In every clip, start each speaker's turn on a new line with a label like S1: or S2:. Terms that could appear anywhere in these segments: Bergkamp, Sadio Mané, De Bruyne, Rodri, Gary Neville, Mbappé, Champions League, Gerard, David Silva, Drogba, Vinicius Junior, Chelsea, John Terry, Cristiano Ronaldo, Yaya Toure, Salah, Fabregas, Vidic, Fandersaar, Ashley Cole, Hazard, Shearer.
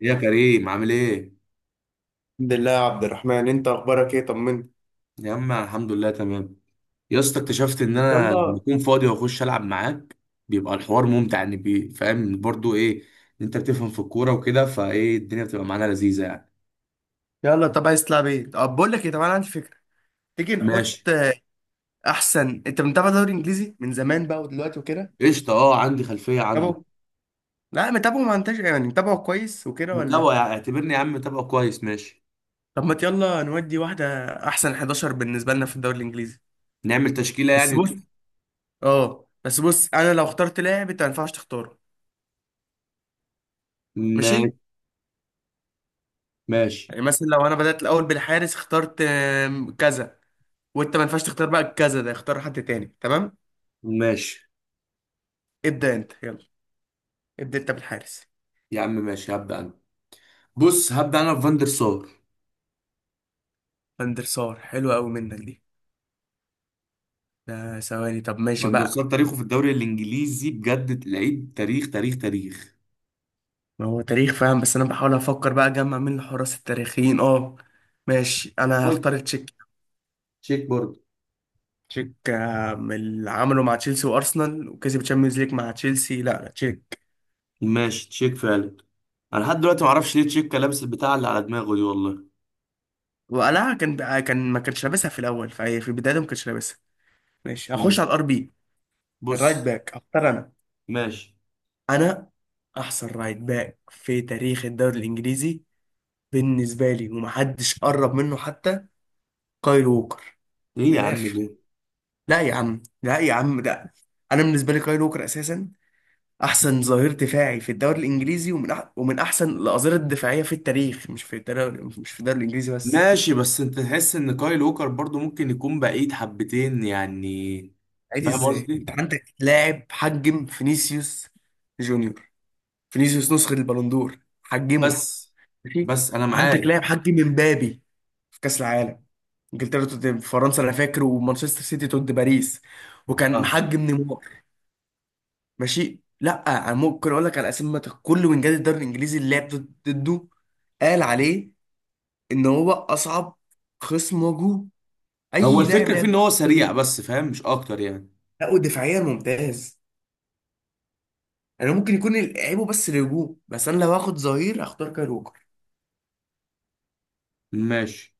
S1: يا كريم عامل ايه؟
S2: الحمد لله يا عبد الرحمن، انت اخبارك ايه؟ طمني.
S1: يا عم الحمد لله تمام. يا اسطى اكتشفت ان انا لما
S2: يلا.
S1: اكون فاضي واخش العب معاك بيبقى الحوار ممتع، يعني فاهم برضو ايه ان انت بتفهم في الكوره وكده، فايه الدنيا بتبقى معانا لذيذه يعني.
S2: يلا، طب عايز تلعب ايه؟ طب بقول لك ايه، طب انا عندي فكره. تيجي نحط
S1: ماشي.
S2: احسن. انت متابع دوري انجليزي من زمان بقى ودلوقتي وكده؟
S1: قشطه، اه عندي خلفيه عنه.
S2: متابعه. لا متابعه، ما انتش يعني متابعه كويس وكده ولا؟
S1: متابعه يعني، اعتبرني يا عم متابعه كويس. ماشي.
S2: طب ما يلا نودي واحده، احسن 11 بالنسبه لنا في الدوري الانجليزي.
S1: نعمل تشكيله
S2: بس
S1: يعني
S2: بص.
S1: نشوف.
S2: اه، بس بص، انا لو اخترت لاعب انت ما ينفعش تختاره.
S1: ماشي.
S2: ماشي.
S1: ماشي.
S2: يعني مثلا لو انا بدات الاول بالحارس، اخترت كذا، وانت ما ينفعش تختار بقى كذا، ده اختار حد تاني. تمام؟
S1: ماشي.
S2: ابدا انت. يلا، ابدا انت بالحارس.
S1: يا عم ماشي هبدا انا. بص هبدا انا بفاندر سار.
S2: فاندر سار، حلوة قوي منك دي. ده ثواني. طب ماشي
S1: فاندر
S2: بقى.
S1: سار تاريخه في الدوري الانجليزي بجد لعيب، تاريخ تاريخ تاريخ.
S2: ما هو تاريخ، فاهم، بس انا بحاول افكر بقى اجمع مين الحراس التاريخيين. اه، ماشي، انا هختار تشيك.
S1: تشيك برضه.
S2: تشيك من اللي عمله مع تشيلسي وارسنال وكسب تشامبيونز ليج مع تشيلسي. لا لا، تشيك.
S1: ماشي تشيك فعلا. انا لحد دلوقتي ما اعرفش ليه تشيك لابس البتاع اللي على دماغه دي والله.
S2: وقلعها كان بقى، كان ما كانش لابسها في الاول، فهي في البدايه ما كانش لابسها. ماشي، هخش
S1: امم
S2: على الار بي. الرايت
S1: بص.
S2: باك هختار انا.
S1: ماشي.
S2: انا احسن رايت باك في تاريخ الدوري الانجليزي بالنسبه لي، ومحدش قرب منه حتى. كايل ووكر.
S1: ايه يا
S2: من
S1: عم
S2: الاخر.
S1: ده.
S2: لا يا عم، لا يا عم، لا. انا بالنسبه لي كايل ووكر اساسا احسن ظهير دفاعي في الدوري الانجليزي، ومن ومن احسن الاظهره الدفاعيه في التاريخ، مش في الدوري، مش في الدوري الانجليزي بس.
S1: ماشي بس انت تحس ان كايل ووكر برضو ممكن يكون بعيد حبتين يعني.
S2: عادي،
S1: فاهم
S2: ازاي انت
S1: قصدي.
S2: عندك لاعب حجم فينيسيوس جونيور؟ فينيسيوس نسخه البالندور حجمه.
S1: بس
S2: ماشي.
S1: بس انا
S2: عندك
S1: معاك.
S2: لاعب حجم امبابي في كاس العالم. انجلترا ضد فرنسا انا فاكر، ومانشستر سيتي ضد باريس، وكان
S1: فاهم.
S2: محجم نيمار. ماشي. لا، أنا ممكن اقول لك على اسامي كل وينجات الدوري الانجليزي اللي لعب ضده، قال عليه ان هو اصعب خصم واجهه،
S1: هو
S2: اي لاعب
S1: الفكره في
S2: لعب
S1: ان هو سريع
S2: ضده.
S1: بس، فاهم مش اكتر يعني.
S2: لا، ودفاعيا ممتاز. انا ممكن يكون لعيبه بس الهجوم، بس انا لو هاخد ظهير اختار كايل ووكر.
S1: ماشي.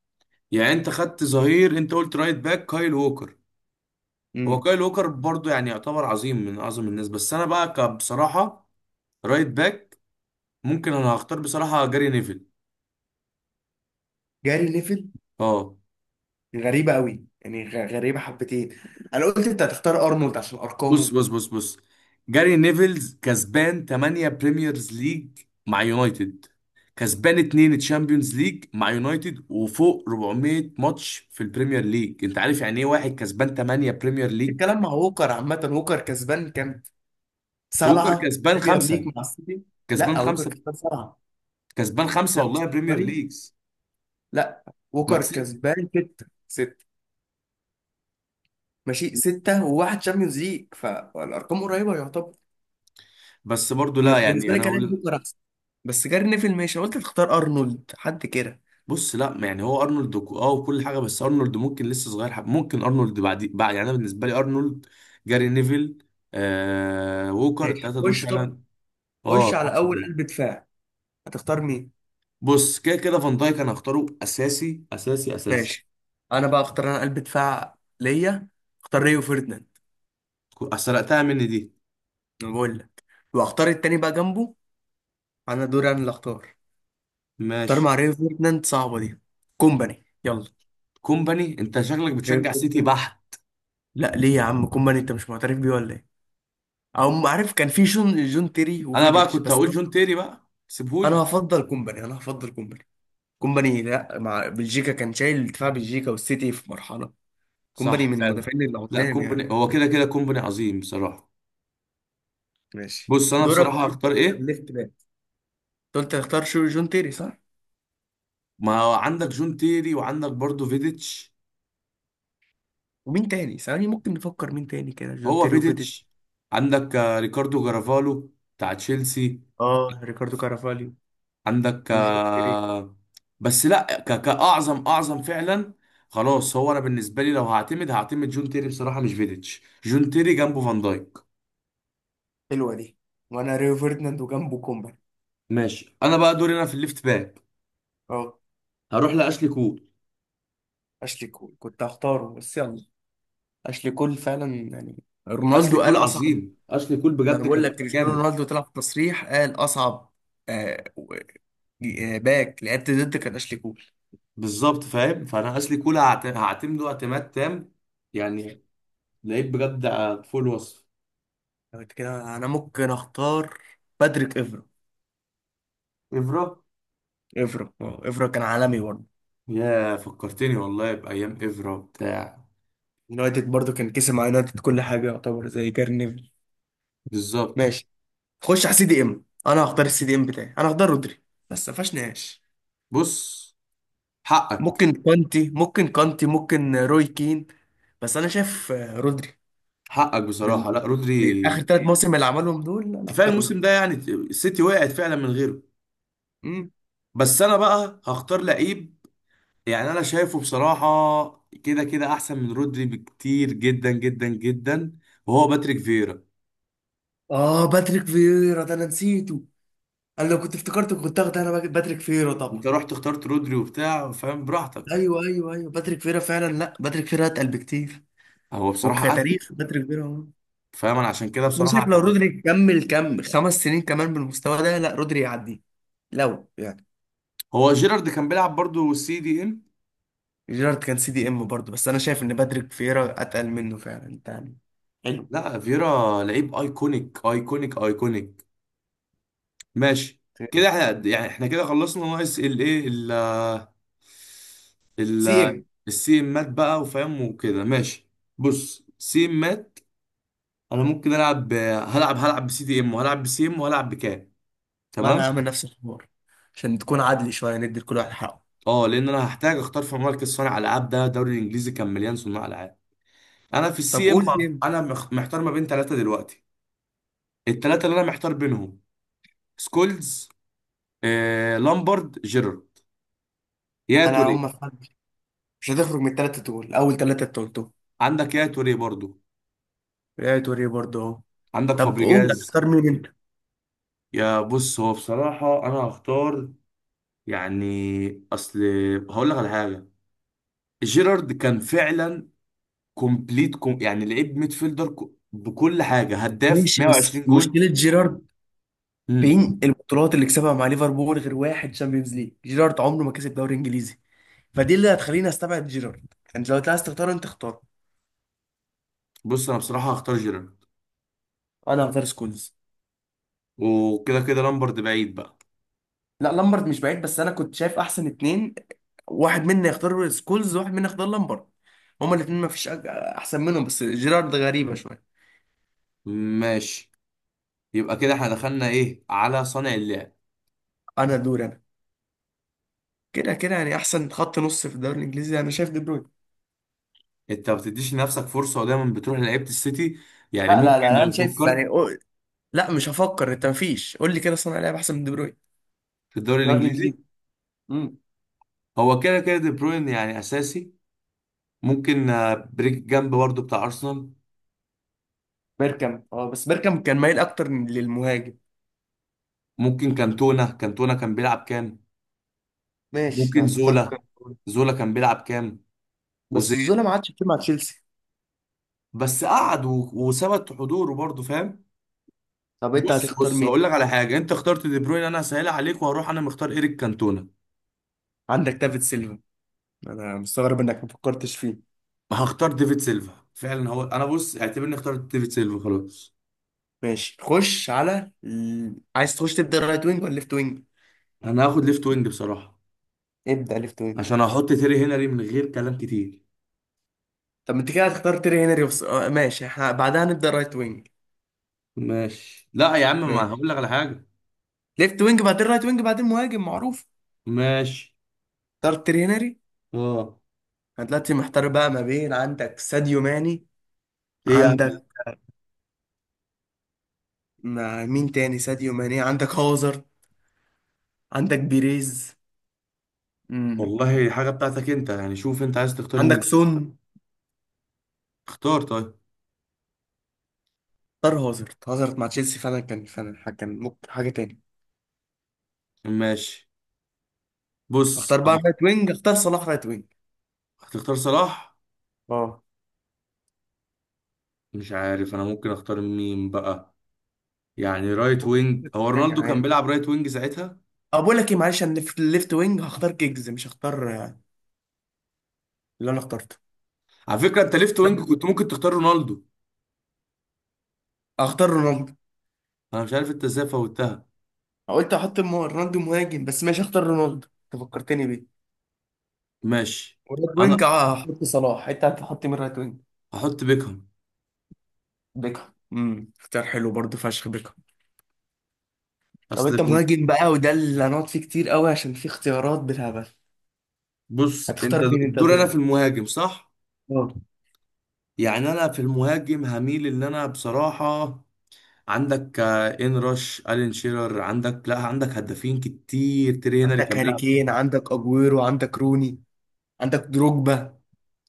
S1: يعني انت خدت ظهير، انت قلت رايت باك كايل ووكر. هو
S2: امم
S1: كايل ووكر برضو يعني يعتبر عظيم من اعظم الناس، بس انا بقى بصراحه رايت باك ممكن انا هختار بصراحة جاري نيفل.
S2: جاري نيفل.
S1: اه.
S2: غريبه قوي يعني، غريبه حبتين. انا قلت انت هتختار ارنولد عشان
S1: بص،
S2: ارقامه.
S1: بص، بص، بص. جاري نيفلز كسبان 8 بريميرز ليج مع يونايتد، كسبان 2 تشامبيونز ليج مع يونايتد، وفوق 400 ماتش في البريمير ليج. انت عارف يعني ايه واحد كسبان 8 بريمير ليج؟
S2: الكلام مع ووكر عامه، ووكر كسبان كام؟
S1: ووكر
S2: سبعه
S1: كسبان
S2: بريمير ليج
S1: خمسة.
S2: مع السيتي.
S1: كسبان
S2: لا، ووكر
S1: خمسة.
S2: كسبان سبعه.
S1: كسبان خمسة والله بريمير
S2: لا
S1: ليجز.
S2: لا،
S1: ما
S2: ووكر
S1: كسب.
S2: كسبان ستة. ستة. ماشي، ستة وواحد شامبيونز ليج، فالأرقام قريبة يعتبر.
S1: بس برضو لا
S2: وبالنسبة
S1: يعني
S2: لي
S1: انا
S2: كان
S1: اقول.
S2: بوكر أحسن. بس جاري نيفل ماشي، أنا قلت تختار أرنولد حد كده.
S1: بص لا يعني هو ارنولد اه وكل حاجه، بس ارنولد ممكن لسه صغير ممكن ارنولد بعد بعد، يعني انا بالنسبه لي ارنولد، جاري نيفل، ووكر
S2: ماشي،
S1: الثلاثه دول
S2: خش طب.
S1: فعلا. اه
S2: خش على
S1: احسن
S2: أول قلب
S1: تلاتة.
S2: دفاع. هتختار مين؟
S1: بص كده كده فان دايك انا هختاره اساسي اساسي اساسي.
S2: ماشي. أنا بقى أختار أنا قلب دفاع ليا، أختار ريو فيرديناند.
S1: سرقتها مني دي.
S2: أنا بقول لك. وأختار التاني بقى جنبه، أنا دوري أنا اللي أختار. أختار
S1: ماشي.
S2: مع ريو فيرديناند، صعبة دي، كومباني. يلا.
S1: كومباني؟ انت شكلك
S2: ريو
S1: بتشجع سيتي
S2: فيرديناند.
S1: بحت.
S2: لا ليه يا عم، كومباني أنت مش معترف بيه ولا إيه؟ او عارف كان في جون تيري
S1: انا بقى
S2: وفيديتش،
S1: كنت
S2: بس
S1: هقول
S2: انا
S1: جون تيري بقى
S2: أنا
S1: سيبهولي.
S2: هفضل كومباني، انا هفضل كومباني. كومباني، لا، مع بلجيكا كان شايل دفاع بلجيكا والسيتي في مرحله. كومباني
S1: صح
S2: من
S1: فعلا.
S2: المدافعين
S1: لا
S2: العظام
S1: كومباني
S2: يعني.
S1: هو كده كده كومباني عظيم بصراحه.
S2: ماشي،
S1: بص انا
S2: دورك
S1: بصراحه هختار
S2: تبدأ في
S1: ايه.
S2: الليفت باك. أنت قلت هتختار شو؟ جون تيري صح؟
S1: ما هو عندك جون تيري وعندك برضو فيديتش.
S2: ومين تاني؟ ثواني ممكن نفكر مين تاني كده، جون
S1: هو
S2: تيري وفيديتش.
S1: فيديتش. عندك ريكاردو جرافالو بتاع تشيلسي.
S2: اه، ريكاردو كارافاليو
S1: عندك
S2: وجون تيري.
S1: آه، بس لا كأعظم أعظم فعلا. خلاص هو أنا بالنسبة لي لو هعتمد جون تيري بصراحة مش فيديتش، جون تيري جنبه فان دايك.
S2: حلوه دي. وانا ريو فيرديناند وجنبه كومباني.
S1: ماشي. أنا بقى دوري أنا في الليفت باك.
S2: اه،
S1: هروح لأشلي كول.
S2: اشلي كول كنت هختاره بس يلا. اشلي كول فعلا يعني.
S1: أشلي
S2: رونالدو
S1: كول
S2: قال اصعب.
S1: عظيم، أشلي كول
S2: ما
S1: بجد
S2: بقول
S1: كان
S2: لك، كريستيانو
S1: متكامل.
S2: رونالدو طلع في تصريح قال اصعب آه و- باك لعبت ضد كان اشلي كول.
S1: بالظبط فاهم، فأنا أشلي كول هعتمده اعتماد تام يعني، لعيب بجد فوق الوصف.
S2: أنا قلت كده، انا ممكن اختار باتريك افرا.
S1: إفرا.
S2: افرا افرا كان عالمي برضه،
S1: يا فكرتني والله بأيام إفرا بتاع.
S2: يونايتد برضه كان كسب مع يونايتد كل حاجه، يعتبر زي جاري نيفل.
S1: بالظبط.
S2: ماشي. خش على سي دي ام. انا هختار السي دي ام بتاعي، انا هختار رودري، بس ما فيهاش نقاش.
S1: بص. حقك.
S2: ممكن كانتي، ممكن كانتي، ممكن روي كين، بس انا شايف رودري.
S1: حقك
S2: بال...
S1: بصراحة لا رودري.
S2: بالاخر ثلاث مواسم اللي عملهم دول، انا
S1: كفاية
S2: هختار رودري.
S1: الموسم ده يعني السيتي وقعت فعلا من غيره. بس أنا بقى هختار لعيب يعني أنا شايفه بصراحة كده كده أحسن من رودري بكتير جدا جدا جدا، وهو باتريك فيرا.
S2: اه، باتريك فييرا ده انا نسيته. انا لو كنت افتكرته كنت اخد انا باتريك فييرا
S1: أنت
S2: طبعا.
S1: رحت اخترت رودري وبتاع، فاهم، براحتك يعني.
S2: ايوه ايوه ايوه، باتريك فييرا فعلا، لا باتريك فييرا اتقل بكتير.
S1: هو بصراحة أتقل.
S2: وكتاريخ باتريك فييرا هو.
S1: فاهم أنا عشان كده
S2: بس انا
S1: بصراحة
S2: شايف لو
S1: اعتمدت.
S2: رودري كمل كم خمس سنين كمان بالمستوى ده، لا رودري يعدي، لو يعني.
S1: هو جيرارد كان بيلعب برضه سي دي إم.
S2: جيرارد كان سي دي ام برضه، بس انا شايف ان باتريك فييرا اتقل منه فعلا تاني. حلو.
S1: لا فيرا لعيب ايكونيك ايكونيك ايكونيك. ماشي. كده احنا يعني احنا كده خلصنا ناقص الايه ال
S2: سي
S1: ال
S2: ام.
S1: السي امات بقى وفاهم وكده. ماشي. بص سي امات. انا ممكن العب هلعب بسي دي ام، وهلعب بسي ام، وهلعب بكام.
S2: ما
S1: تمام.
S2: انا هعمل نفس الحوار عشان تكون عادل شويه، ندي لكل واحد حقه.
S1: اه لان انا هحتاج اختار في مركز صانع العاب، ده الدوري الانجليزي كان مليان صناع العاب. انا في
S2: طب
S1: السي ام
S2: قول سي ام.
S1: انا محتار ما بين ثلاثه دلوقتي. الثلاثه اللي انا محتار بينهم سكولز، لامبرد، جيرارد، يا
S2: انا
S1: توريه.
S2: هم في حد مش هتخرج من الثلاثه دول، اول ثلاثه انت قلتهم.
S1: عندك يا توريه برضو.
S2: ريال توريه برضه اهو.
S1: عندك
S2: طب قول
S1: فابريجاز.
S2: هتختار مين انت.
S1: يا بص هو بصراحة أنا هختار، يعني، أصل هقول لك على حاجة. جيرارد كان فعلا كومبليت كوم يعني لعيب ميدفيلدر بكل حاجة، هداف
S2: ماشي، بس
S1: 120 جول.
S2: مشكلة جيرارد،
S1: مم.
S2: فين البطولات اللي كسبها مع ليفربول غير واحد شامبيونز ليج؟ جيرارد عمره ما كسب دوري انجليزي، فدي اللي هتخليني استبعد جيرارد. انت لو عايز تختار انت اختار.
S1: بص أنا بصراحة هختار جيرارد،
S2: انا هختار سكولز.
S1: وكده كده لامبرد بعيد بقى.
S2: لا، لامبرد مش بعيد، بس انا كنت شايف احسن اتنين، واحد منا يختار سكولز وواحد منا يختار لامبرد. هما الاتنين ما فيش احسن منهم، بس جيرارد غريبة شوية.
S1: ماشي. يبقى كده احنا دخلنا ايه على صانع اللعب.
S2: انا دور انا. كده كده يعني، احسن خط نص في الدوري الانجليزي انا شايف دي بروين.
S1: انت ما بتديش لنفسك فرصة ودايما بتروح لعيبة السيتي. يعني
S2: لا لا
S1: ممكن
S2: لا،
S1: لو
S2: انا شايف يعني،
S1: فكرت
S2: لا مش هفكر. انت مفيش، قول لي كده صانع لعب احسن من دي بروين؟
S1: في الدوري
S2: الدوري
S1: الانجليزي.
S2: الانجليزي. امم.
S1: هو كده كده دي بروين يعني اساسي. ممكن بريك جنب برضه بتاع ارسنال.
S2: بيركامب، اه بس بيركامب كان مايل اكتر للمهاجم.
S1: ممكن كانتونا، كان بيلعب كام.
S2: ماشي لو
S1: ممكن
S2: هتختار
S1: زولا.
S2: كارت.
S1: زولا كان بيلعب كام
S2: بس
S1: وزين.
S2: الظلم ما عادش كتير مع تشيلسي.
S1: بس قعد وثبت حضوره برضه، فاهم.
S2: طب انت
S1: بص
S2: هتختار
S1: بص هقول
S2: مين؟
S1: لك على حاجه، انت اخترت دي بروين انا هسهلها عليك وهروح انا مختار ايريك كانتونا.
S2: عندك دافيد سيلفا، انا مستغرب انك ما فكرتش فيه.
S1: هختار ديفيد سيلفا فعلا، هو انا بص اعتبرني اخترت ديفيد سيلفا خلاص.
S2: ماشي، خش على عايز تخش تبدا رايت وينج ولا ليفت وينج؟
S1: انا هاخد ليفت وينج بصراحه
S2: ابدا ليفت وينج.
S1: عشان احط تيري هنري من غير كلام كتير.
S2: طب ما انت كده هتختار تيري هنري آه ماشي، احنا بعدها هنبدا رايت وينج.
S1: ماشي لا يا عم ما
S2: ماشي،
S1: هقول لك على حاجه.
S2: ليفت وينج بعدين رايت وينج بعدين مهاجم معروف.
S1: ماشي.
S2: اختار تيري هنري.
S1: اه.
S2: انا دلوقتي محتار بقى ما بين، عندك ساديو ماني،
S1: ايه يا عم.
S2: عندك، ما مين تاني ساديو ماني، عندك هازارد، عندك بيريز، مم.
S1: والله حاجة بتاعتك انت، يعني شوف انت عايز تختار
S2: عندك
S1: مين.
S2: سون.
S1: اختار طيب.
S2: اختار هازارد، هازارد مع تشيلسي فعلا كان فعلا كان ممكن حاجة تاني.
S1: ماشي. بص
S2: اختار بقى رايت وينج، اختار صلاح رايت وينج.
S1: هتختار صلاح؟
S2: اه.
S1: مش عارف انا ممكن اختار مين بقى. يعني رايت
S2: ممكن
S1: وينج، هو
S2: تاني
S1: رونالدو كان
S2: عادي.
S1: بيلعب رايت وينج ساعتها.
S2: بقول لك ايه، معلش انا في الليفت وينج هختار كيجز، مش هختار اللي انا اخترته.
S1: على فكرة انت ليفت وينج كنت ممكن تختار رونالدو.
S2: هختار رونالدو.
S1: انا مش عارف انت ازاي فوتها.
S2: قلت احط رونالدو مهاجم، بس ماشي اختار رونالدو. انت فكرتني بيه.
S1: ماشي.
S2: ورايت وينج
S1: انا
S2: هحط صلاح. انت هتحط مين رايت وينج؟
S1: هحط بيكهام.
S2: بيكهام، امم، اختيار حلو برضه، فشخ بيكهام. طب
S1: اصل
S2: انت مهاجم بقى، وده اللي هنقعد فيه كتير قوي عشان في اختيارات بالهبل.
S1: بص انت
S2: هتختار مين انت
S1: دور انا
S2: دول؟
S1: في المهاجم صح.
S2: اه.
S1: يعني انا في المهاجم هميل اللي انا بصراحة. عندك ان رش الين شيرر، عندك لا عندك هدافين كتير، تيري هنري
S2: عندك
S1: كان
S2: هاري
S1: بيلعب.
S2: كين، عندك اجويرو، عندك روني، عندك دروجبا.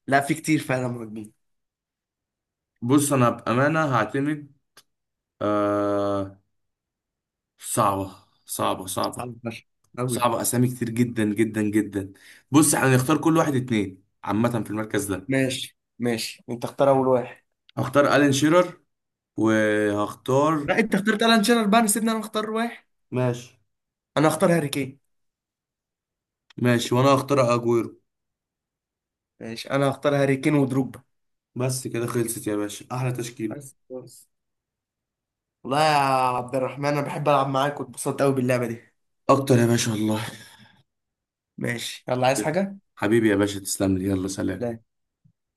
S2: لا، في كتير فعلا مهاجمين.
S1: بص انا بامانه هعتمد، آه صعبه. صعبه صعبه
S2: صعب فشخ قوي.
S1: صعبه اسامي كتير جدا جدا جدا. بص احنا هنختار كل واحد اتنين عامه في المركز ده.
S2: ماشي ماشي، انت اختار اول واحد.
S1: هختار الين شيرر وهختار.
S2: لا، انت اخترت الان شيرر بقى، سيبني انا اختار واحد.
S1: ماشي.
S2: انا اختار هاري كين.
S1: ماشي وانا هختار اجويرو.
S2: ماشي، انا اختار هاري كين ودروجبا.
S1: بس كده خلصت يا باشا، احلى تشكيله.
S2: بس بس، والله يا عبد الرحمن، انا بحب العب معاك واتبسطت قوي باللعبه دي.
S1: اكتر يا باشا والله.
S2: ماشي، يلا عايز حاجه؟
S1: حبيبي يا باشا تسلم لي، يلا سلام.
S2: لا.